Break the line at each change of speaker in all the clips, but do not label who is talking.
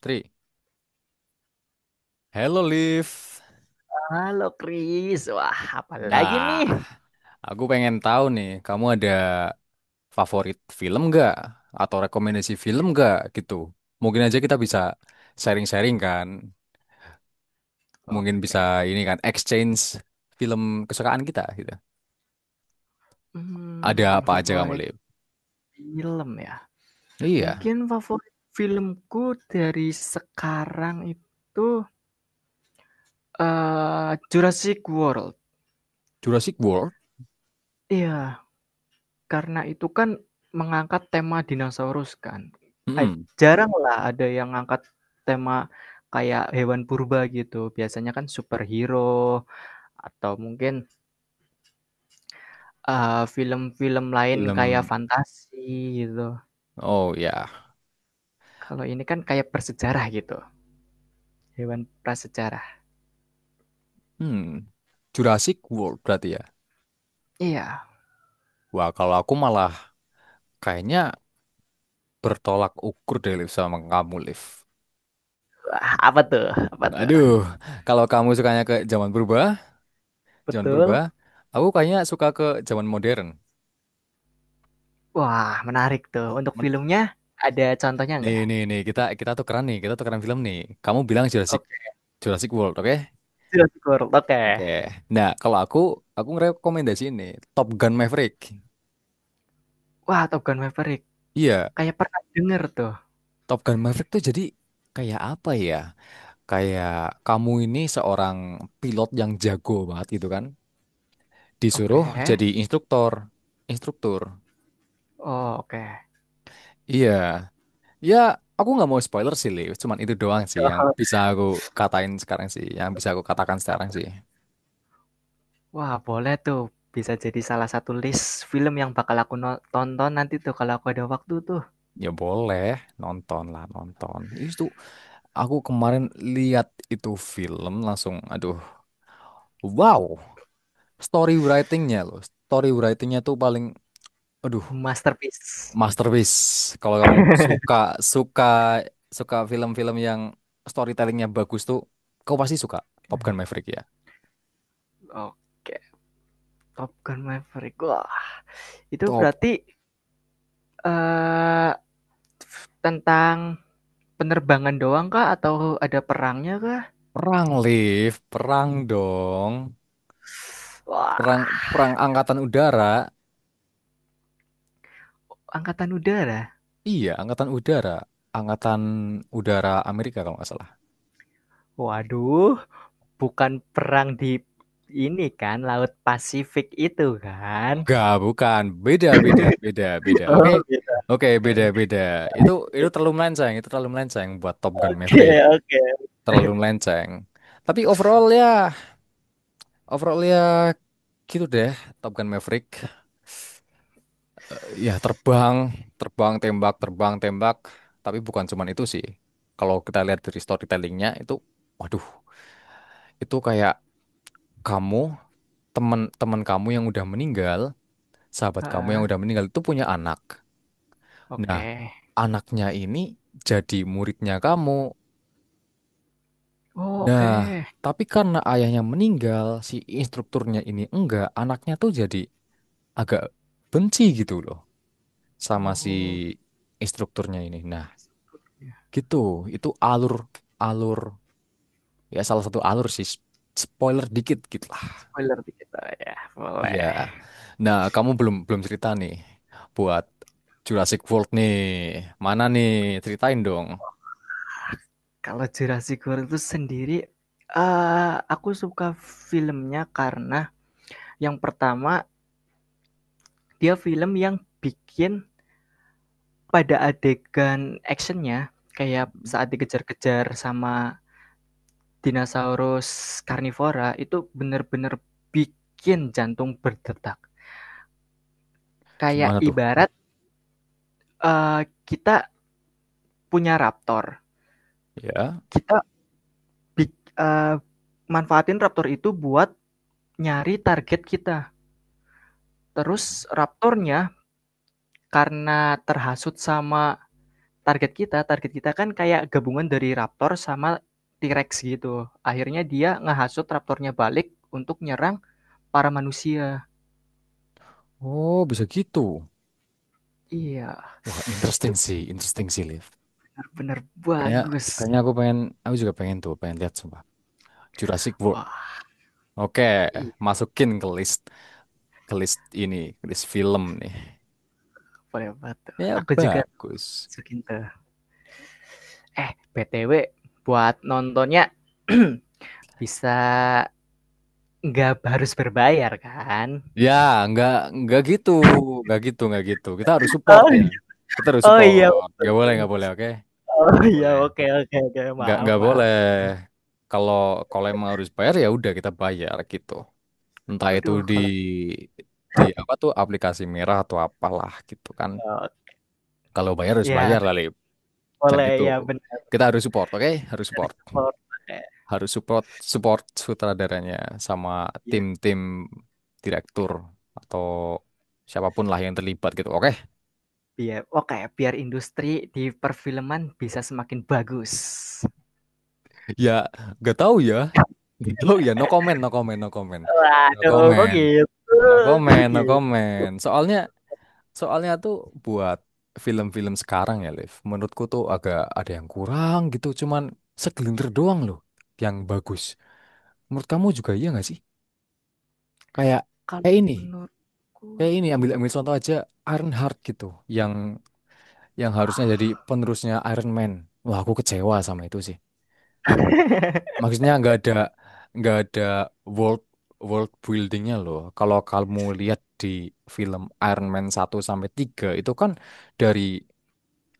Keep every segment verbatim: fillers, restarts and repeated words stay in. Tri, hello Liv.
Halo Kris, wah apalagi
Nah,
nih?
aku pengen tahu nih, kamu ada favorit film nggak? Atau rekomendasi film nggak gitu? Mungkin aja kita bisa sharing-sharing kan. Mungkin
Oke,
bisa ini kan, exchange film kesukaan kita gitu. Ada
mmm,
apa aja kamu,
favorit
Liv?
film ya?
Iya,
Mungkin favorit filmku dari sekarang itu, eee, Jurassic World.
Jurassic World.
Iya, karena itu kan mengangkat tema dinosaurus kan. A-
Mm-mm.
Jarang lah ada yang angkat tema kayak hewan purba gitu, biasanya kan superhero atau mungkin, eee, film-film lain kayak
Film,
fantasi gitu.
oh ya.
Kalau ini kan kayak prasejarah gitu, hewan prasejarah.
Hmm. Jurassic World berarti ya.
Iya.
Wah, kalau aku malah kayaknya bertolak ukur deh Liv sama kamu, Liv.
Wah, apa tuh? Apa tuh?
Aduh, kalau kamu sukanya ke zaman purba, zaman purba,
Betul.
aku kayaknya suka ke zaman modern.
Wah, menarik tuh. Untuk
Men-
filmnya ada contohnya
nih,
nggak?
nih, nih, kita kita tuh keren nih, kita tuh keren film nih. Kamu bilang Jurassic
Oke,
Jurassic World, oke?
Jurassic World. Oke.
Oke. Nah, kalau aku aku ngerekomendasi ini Top Gun Maverick.
Wah, Top Gun Maverick.
Iya,
Kayak pernah denger tuh.
Top Gun Maverick tuh jadi kayak apa ya? Kayak kamu ini seorang pilot yang jago banget gitu kan?
Oke.
Disuruh jadi instruktur, instruktur.
Oh, oke.
Iya. Ya, aku nggak mau spoiler sih, Li. Cuman itu doang sih yang
Heeh.
bisa aku katain sekarang sih. Yang bisa aku katakan sekarang sih.
Wah, boleh tuh. Bisa jadi salah satu list film yang bakal aku no tonton nanti tuh kalau aku ada waktu tuh.
Ya boleh, nonton lah, nonton. Itu aku kemarin lihat itu film langsung, aduh, wow. Story writingnya loh. Story writingnya tuh paling, aduh,
Masterpiece.
masterpiece. Kalau kamu suka, suka, suka film-film yang storytellingnya bagus tuh, kau pasti suka Top Gun Maverick ya.
Oke, Top Gun Maverick. Wah, itu
Top
berarti, eee tentang penerbangan doang kah atau ada perangnya kah?
Perang, Liv. Perang dong. Perang
Wah,
perang angkatan udara,
angkatan udara.
iya angkatan udara, angkatan udara Amerika kalau nggak salah.
Waduh, bukan perang di ini kan, Laut Pasifik itu kan?
Enggak, bukan, beda beda beda beda, oke,
Oh, gitu.
oke,
Oke.
beda beda. Itu itu terlalu melenceng, itu terlalu melenceng buat Top Gun
Oke,
Maverick,
oke.
terlalu melenceng. Tapi overall ya, overall ya gitu deh Top Gun Maverick. Eh, ya terbang, terbang tembak, terbang tembak, tapi bukan cuman itu sih. Kalau kita lihat dari storytellingnya itu, waduh, itu kayak kamu, teman teman kamu yang udah meninggal, sahabat kamu yang
Heeh,
udah meninggal itu punya anak.
oke.
Nah, anaknya ini jadi muridnya kamu.
Oh, oke.
Nah, tapi karena ayahnya meninggal, si instrukturnya ini enggak, anaknya tuh jadi agak benci gitu loh
Okay.
sama si
Oh,
instrukturnya ini. Nah,
ya.
gitu. Itu alur alur, ya salah satu alur sih. Spoiler dikit gitu.
Spoiler dikit boleh ya?
Iya.
Boleh.
Nah, kamu belum belum cerita nih buat Jurassic World nih. Mana nih? Ceritain dong.
Kalau Jurassic World itu sendiri, eee, aku suka filmnya karena yang pertama, dia film yang bikin pada adegan actionnya, kayak saat dikejar-kejar sama dinosaurus karnivora, itu bener-bener bikin jantung berdetak. Kayak
Gimana tuh?
ibarat, eee, kita punya raptor,
Ya.
kita bik eh, manfaatin raptor itu buat nyari target kita. Terus raptornya karena terhasut sama target kita, target kita kan kayak gabungan dari raptor sama T-Rex gitu. Akhirnya dia ngehasut raptornya balik untuk nyerang para manusia.
Oh, bisa gitu.
Iya.
Wah,
Itu
interesting sih, interesting sih, Liv.
benar-benar
Kayaknya
bagus.
kayaknya aku pengen aku juga pengen tuh, pengen lihat sumpah. Jurassic World.
Wah,
Oke,
iya,
masukin ke list, ke list ini, ke list film nih.
boleh banget.
Ya
Aku juga
bagus.
masukin tuh. Eh, B T W buat nontonnya bisa nggak harus berbayar kan?
Ya, nggak, nggak gitu, nggak gitu, nggak gitu. Kita harus support
Oh,
ya. Kita harus
oh iya.
support. Nggak boleh, nggak boleh, oke?
Oh
Nggak boleh,
iya, oke oke oke.
nggak
Maaf,
nggak
maaf.
boleh. Kalau kalau emang harus bayar ya udah kita bayar gitu, entah itu
Aduh,
di
kalau
di apa tuh aplikasi merah atau apalah gitu kan. Kalau bayar harus
ya
bayar lah Lip. Jangan
boleh
gitu,
ya benar.
kita harus support, oke, harus
Dari
support,
support, oke,
harus support, support sutradaranya sama
iya,
tim-tim direktur atau siapapun lah yang terlibat gitu, oke.
biar oke, biar industri di perfilman bisa semakin bagus.
Ya nggak tahu ya, nggak tahu ya, no comment no comment no comment no
Waduh, kok
comment.
gitu
No
kok
comment, no
gitu?
comment. Soalnya, soalnya tuh buat film-film sekarang ya, Liv. Menurutku tuh agak ada yang kurang gitu. Cuman segelintir doang loh yang bagus. Menurut kamu juga iya nggak sih? Kayak,
Kalau
kayak ini,
menurutku
kayak ini. Ambil
gimana?
Ambil contoh aja Iron Heart gitu, yang yang harusnya jadi penerusnya Iron Man. Wah, aku kecewa sama itu sih. Maksudnya nggak ada nggak ada world world buildingnya loh. Kalau kamu lihat di film Iron Man satu sampai tiga itu kan dari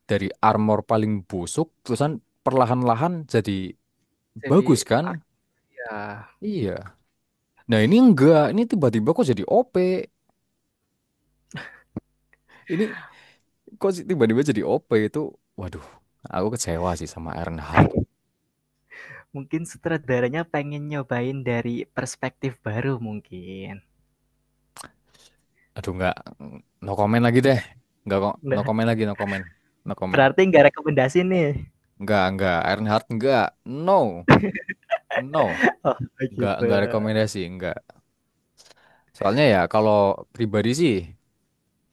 dari armor paling busuk terusan perlahan-lahan jadi
Jadi
bagus
art
kan?
ya,
Iya. Nah, ini enggak, ini tiba-tiba kok jadi O P. Ini kok sih tiba-tiba jadi O P itu, waduh, aku kecewa sih sama Ironheart.
mungkin sutradaranya pengen nyobain dari perspektif baru mungkin.
Aduh nggak, no comment lagi deh.
Enggak
Nggak kok, no
enggak
comment lagi, no comment. No comment.
berarti enggak rekomendasi nih?
Enggak, enggak. Ironheart Heart enggak. No, no.
Oh,
Enggak,
gitu.
enggak rekomendasi, enggak. Soalnya ya kalau pribadi sih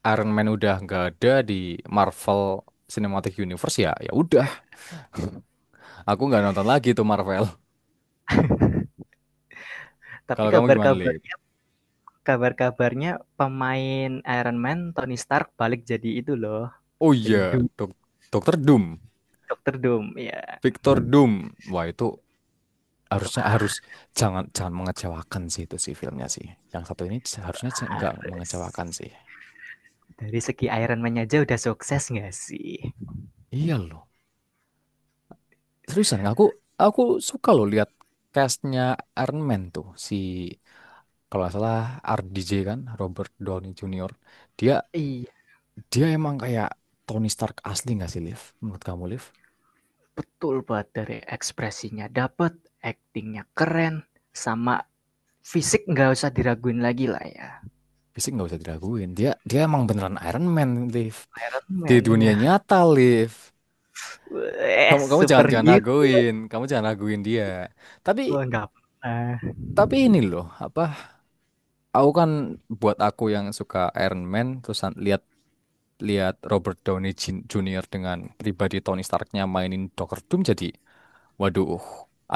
Iron Man udah enggak ada di Marvel Cinematic Universe ya. Ya udah, aku enggak nonton lagi tuh Marvel.
Tapi
Kalau kamu gimana,
kabar-kabar
Lip?
kabar-kabarnya pemain Iron Man, Tony Stark balik jadi itu loh,
Oh iya,
jadi Doom.
Dok Dokter Doom,
Dokter Doom ya.
Victor Doom. Wah, itu harusnya
Wah,
harus jangan jangan mengecewakan sih itu sih filmnya sih. Yang satu ini harusnya enggak mengecewakan sih.
dari segi Iron Man aja udah sukses nggak sih?
Iya loh. Seriusan, aku aku suka loh lihat castnya Iron Man tuh si kalau nggak salah R D J kan Robert Downey junior Dia
Iya,
Dia emang kayak Tony Stark asli nggak sih Liv? Menurut kamu Liv?
betul banget dari ekspresinya dapat, actingnya keren, sama fisik nggak usah diraguin lagi lah ya.
Fisik nggak usah diraguin. Dia Dia emang beneran Iron Man Liv.
Iron
Di
Man
dunia
ya,
nyata Liv.
eh
Kamu Kamu jangan jangan
superhero
raguin. Kamu jangan raguin dia. Tapi
nggak pernah.
tapi ini loh apa? Aku kan buat aku yang suka Iron Man terus an- lihat, lihat Robert Downey Jin- junior dengan pribadi Tony Starknya mainin Doctor Doom, jadi waduh,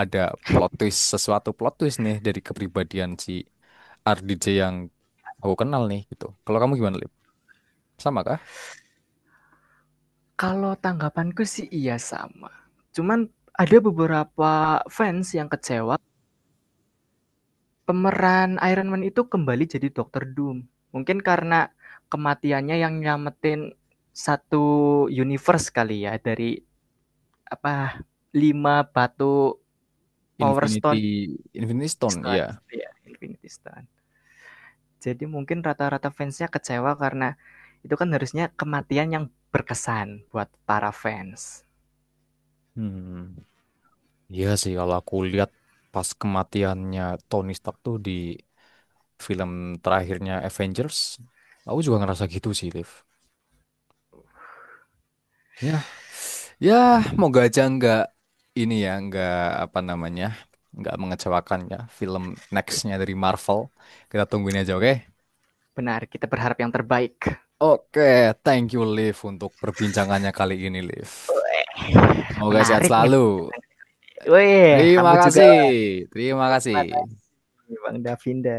ada plot twist, sesuatu plot twist nih dari kepribadian si R D J yang aku kenal nih gitu. Kalau kamu gimana, Lip? Sama kah?
Kalau tanggapanku sih iya sama. Cuman ada beberapa fans yang kecewa pemeran Iron Man itu kembali jadi Doctor Doom. Mungkin karena kematiannya yang nyelamatin satu universe kali ya, dari, apa, lima batu Power
Infinity
Stone
Infinity Stone,
Stone,
iya.
iya, Infinity Stone. Jadi mungkin rata-rata fansnya kecewa karena itu kan harusnya kematian yang berkesan buat para fans.
Hmm. Iya sih kalau aku lihat pas kematiannya Tony Stark tuh di film terakhirnya Avengers, aku juga ngerasa gitu sih, Liv. Ya, ya, moga aja nggak ini ya, nggak apa namanya, nggak mengecewakan ya film
Ya,
nextnya dari Marvel. Kita tungguin aja, oke?
benar, kita berharap yang terbaik.
Oke, thank you Liv untuk perbincangannya kali ini Liv. Semoga sehat
Menarik nih.
selalu.
Weh,
Terima
kamu juga
kasih, terima
terima
kasih.
kasih Bang Davinda.